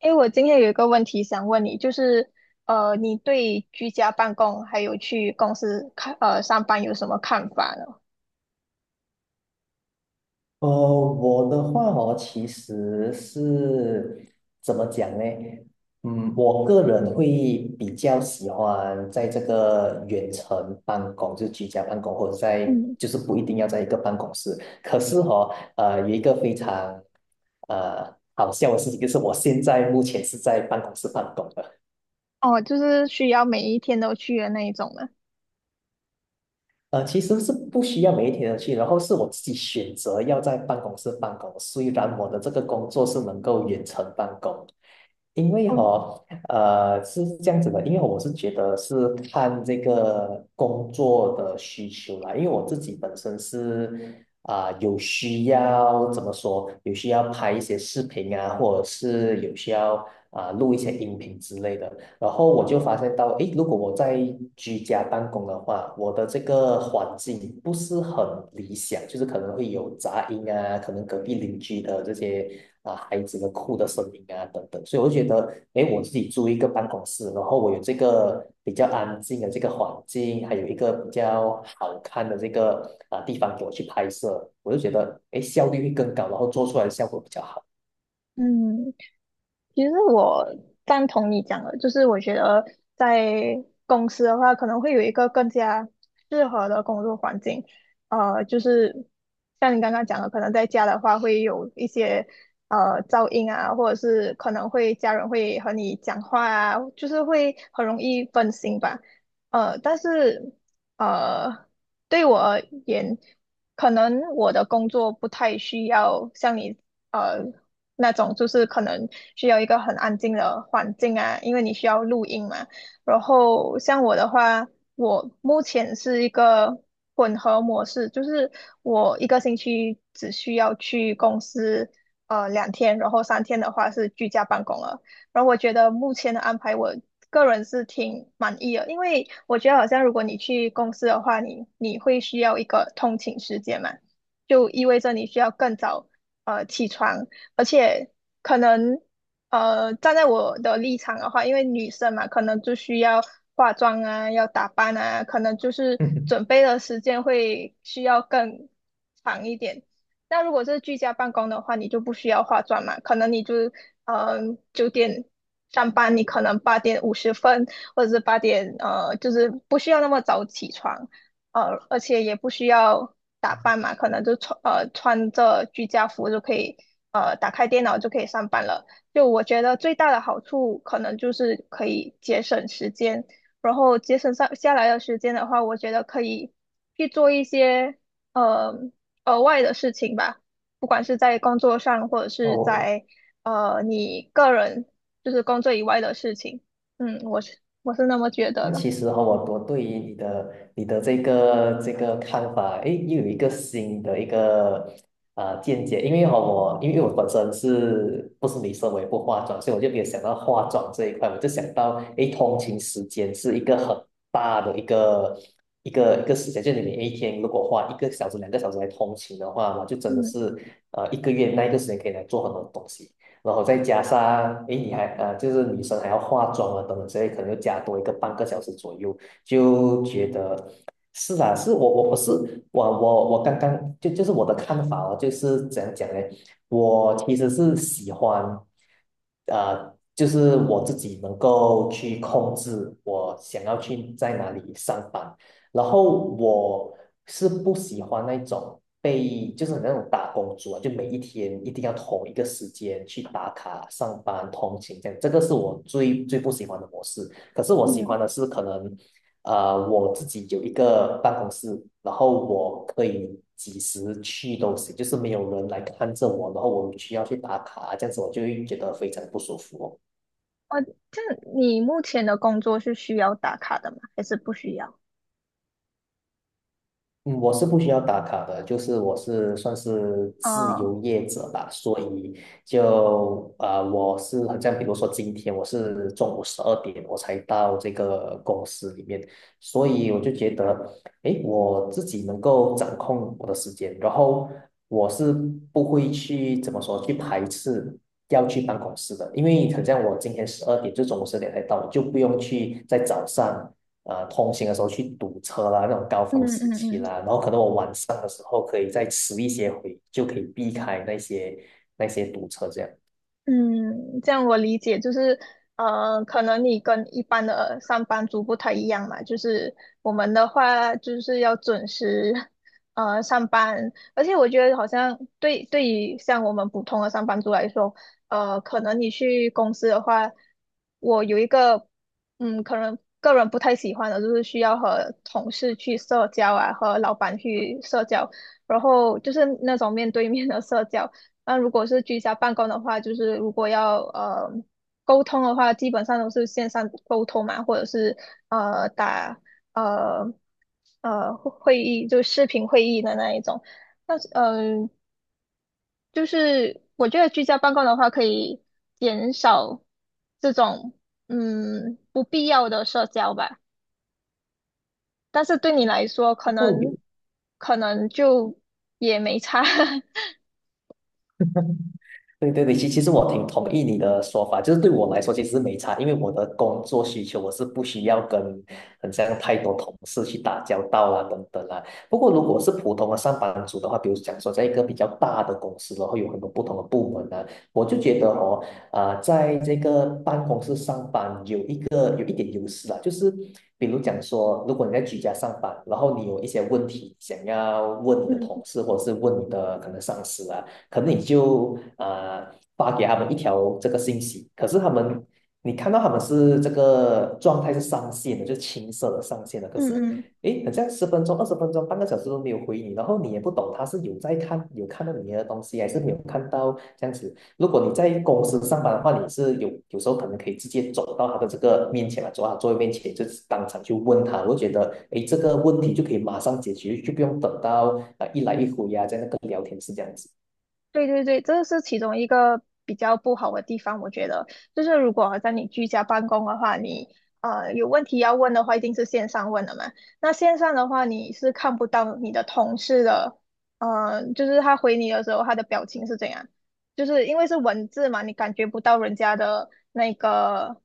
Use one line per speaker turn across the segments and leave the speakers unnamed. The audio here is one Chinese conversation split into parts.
哎，我今天有一个问题想问你，你对居家办公还有去公司上班有什么看法呢？
我的话哦，其实是怎么讲呢？我个人会比较喜欢在这个远程办公，就是居家办公，或者在
嗯。
就是不一定要在一个办公室。可是哦，有一个非常好笑的事情，就是我现在目前是在办公室办公的。
哦，就是需要每一天都去的那一种呢。
呃，其实是不需要每一天的去，然后是我自己选择要在办公室办公。虽然我的这个工作是能够远程办公，因为哈、
哦。
哦呃，是这样子的，因为我是觉得是看这个工作的需求啦，因为我自己本身是有需要怎么说，有需要拍一些视频啊，或者是有需要录一些音频之类的，然后我就发现到，诶，如果我在居家办公的话，我的这个环境不是很理想，就是可能会有杂音啊，可能隔壁邻居的这些啊孩子的哭的声音啊等等，所以我就觉得，诶，我自己租一个办公室，然后我有这个比较安静的这个环境，还有一个比较好看的这个啊地方给我去拍摄，我就觉得，诶，效率会更高，然后做出来的效果比较好。
嗯，其实我赞同你讲的，就是我觉得在公司的话，可能会有一个更加适合的工作环境。呃，就是像你刚刚讲的，可能在家的话会有一些噪音啊，或者是可能会家人会和你讲话啊，就是会很容易分心吧。但是呃，对我而言，可能我的工作不太需要像你。呃那种就是可能需要一个很安静的环境啊，因为你需要录音嘛。然后像我的话，我目前是一个混合模式，就是我一个星期只需要去公司两天，然后三天的话是居家办公了。然后我觉得目前的安排我个人是挺满意的，因为我觉得好像如果你去公司的话，你会需要一个通勤时间嘛，就意味着你需要更早起床，而且可能站在我的立场的话，因为女生嘛，可能就需要化妆啊，要打扮啊，可能就是准 备的时间会需要更长一点。那如果是居家办公的话，你就不需要化妆嘛，可能你就呃九点上班，你可能八点五十分，或者是八点，就是不需要那么早起床。呃，而且也不需要打扮嘛，可能就穿着居家服就可以打开电脑就可以上班了。就我觉得最大的好处可能就是可以节省时间，然后节省上下来的时间的话，我觉得可以去做一些呃额外的事情吧，不管是在工作上或者
那
是
我。
在你个人就是工作以外的事情。嗯，我是那么觉得
那
的。
其实我对于你的这个看法，诶，又有一个新的一个见解，因为我本身是不是女生，我也不化妆，所以我就没有想到化妆这一块，我就想到诶，通勤时间是一个很大的一个一个时间，就你每一天如果花一个小时、两个小时来通勤的话，我就真的
嗯
是一个月那一个时间可以来做很多东西。然后再加上，诶，你还就是女生还要化妆啊等等之类，可能又加多一个半个小时左右，就觉得是啊，是我我我是我我我刚刚就是我的看法哦，就是怎样讲呢？我其实是喜欢，就是我自己能够去控制我想要去在哪里上班，然后我是不喜欢那种被就是很那种打工族啊，就每一天一定要同一个时间去打卡上班、通勤这样，这个是我最最不喜欢的模式。可是我喜
嗯。
欢的是可能，我自己有一个办公室，然后我可以几时去都行，就是没有人来看着我，然后我需要去打卡，这样子我就会觉得非常不舒服哦。
呃，就你目前的工作是需要打卡的吗？还是不需要？
嗯，我是不需要打卡的，就是我是算是自
啊？
由业者吧，所以我是好像比如说今天我是中午十二点我才到这个公司里面，所以我就觉得，诶，我自己能够掌控我的时间，然后我是不会去怎么说去排斥要去办公室的，因为好像我今天十二点就中午十二点才到，我就不用去在早上。通行的时候去堵车啦，那种高
嗯
峰时
嗯
期
嗯。
啦，然后可能我晚上的时候可以再迟一些回，就可以避开那些堵车这样。
嗯，这样我理解，就是呃，可能你跟一般的上班族不太一样嘛，就是我们的话就是要准时呃上班，而且我觉得好像对，对于像我们普通的上班族来说，呃，可能你去公司的话，我有一个，嗯，可能个人不太喜欢的就是需要和同事去社交啊，和老板去社交，然后就是那种面对面的社交。那如果是居家办公的话，就是如果要沟通的话，基本上都是线上沟通嘛，或者是打呃会议，就视频会议的那一种。那嗯、呃，就是我觉得居家办公的话，可以减少这种不必要的社交吧。但是对你来说，可
不过有
能可能就也没差。
对对对，其实我挺同意你的说法，就是对我来说其实是没差，因为我的工作需求我是不需要跟很像太多同事去打交道啦、等等啦。不过如果是普通的上班族的话，比如讲说在一个比较大的公司，然后有很多不同的部门呢、我就觉得哦，啊、在这个办公室上班有一个有一点优势啦，就是比如讲说，如果你在居家上班，然后你有一些问题想要问你的同
嗯
事或者是问你的可能上司啊。可能你就发给他们一条这个信息，可是他们你看到他们是这个状态是上线的，就是青色的上线的，可
嗯
是
嗯。
诶，好像十分钟、20分钟、半个小时都没有回你，然后你也不懂他是有在看有看到你的东西，还是没有看到这样子。如果你在公司上班的话，你是有时候可能可以直接走到他的这个面前来，走到他座位面前，就是当场去问他。我觉得，诶，这个问题就可以马上解决，就不用等到一来一回呀、啊在那个聊天室这样子。
对对对，这是其中一个比较不好的地方，我觉得就是如果在你居家办公的话，你有问题要问的话，一定是线上问的嘛。那线上的话，你是看不到你的同事的，呃，就是他回你的时候，他的表情是怎样，就是因为是文字嘛，你感觉不到人家的那个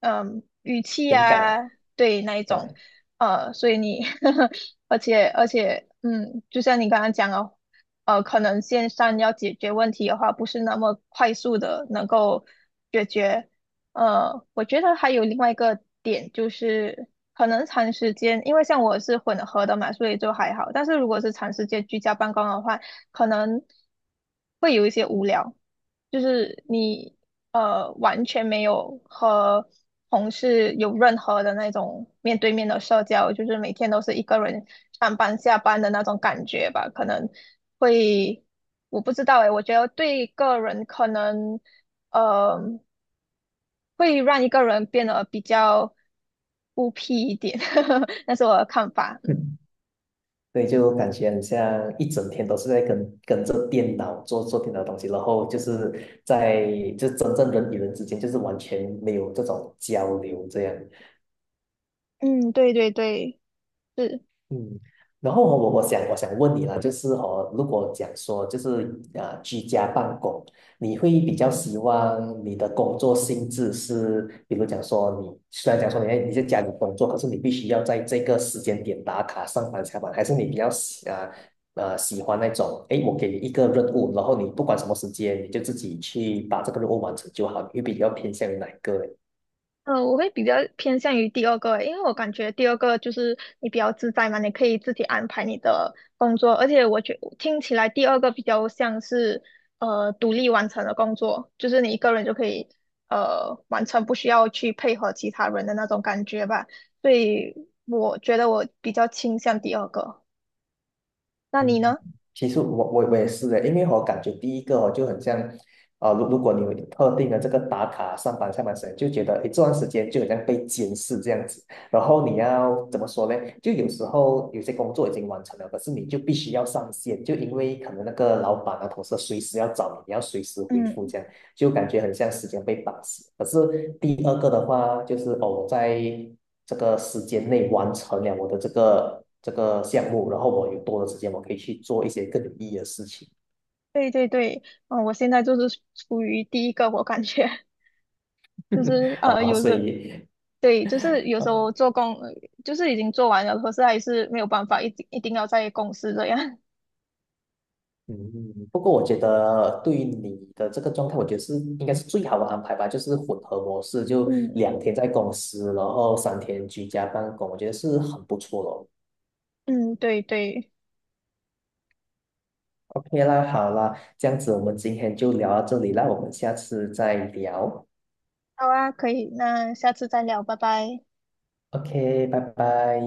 语气
情
啊，
感，
对那一
对，
种，呃，所以你 而且就像你刚刚讲的。呃，可能线上要解决问题的话，不是那么快速的能够解决。呃，我觉得还有另外一个点就是，可能长时间，因为像我是混合的嘛，所以就还好。但是如果是长时间居家办公的话，可能，就是你完全没有和同事有任何的那种面对面的社交，就是每天都是一个人上班下班的那种感觉吧，可能会，我不知道诶，我觉得对个人可能呃会让一个人变得比较孤僻一点，那是我的看法。嗯。
嗯所以就感觉很像一整天都是在跟着电脑做电脑的东西，然后就是在就真正人与人之间就是完全没有这种交流这样。
嗯，对对对。是。
嗯，然后哦我想问你啦，就是哦，如果讲说就是啊居家办公，你会比较希望你的工作性质是，比如讲说你虽然讲说你在家里工作，可是你必须要在这个时间点打卡上班下班，还是你比较喜欢那种，诶，我给你一个任务，然后你不管什么时间，你就自己去把这个任务完成就好，你会比较偏向于哪一个？呢？
呃，我会比较偏向于第二个欸，因为我感觉第二个就是你比较自在嘛，你可以自己安排你的工作，而且我觉听起来第二个比较像是独立完成的工作，就是你一个人就可以完成，不需要去配合其他人的那种感觉吧。所以我觉得我比较倾向第二个，那你
嗯，
呢？
其实我也是的，因为我感觉第一个哦就很像，呃，如果你有特定的这个打卡上班下班时间，就觉得诶这段时间就好像被监视这样子，然后你要怎么说呢？就有时候有些工作已经完成了，可是你就必须要上线，就因为可能那个老板啊同事随时要找你，你要随时回复
嗯，
这样。就感觉很像时间被绑死。可是第二个的话，就是哦，我在这个时间内完成了我的这个项目，然后我有多的时间，我可以去做一些更有意义的事情
对对对。嗯、我现在就是处于第一个，我感觉 就是 呃
啊，
有
所
时，
以
对，就是有时候
啊。
做工，就是已经做完了，可是还是没有办法，一定要在公司这样。
嗯，不过我觉得对于你的这个状态，我觉得是应该是最好的安排吧，就是混合模式，就
嗯
2天在公司，然后3天居家办公，我觉得是很不错的哦
嗯，对对。
OK 啦，好啦，这样子我们今天就聊到这里啦，我们下次再聊。
好啊，可以，那下次再聊，拜拜。
OK,拜拜。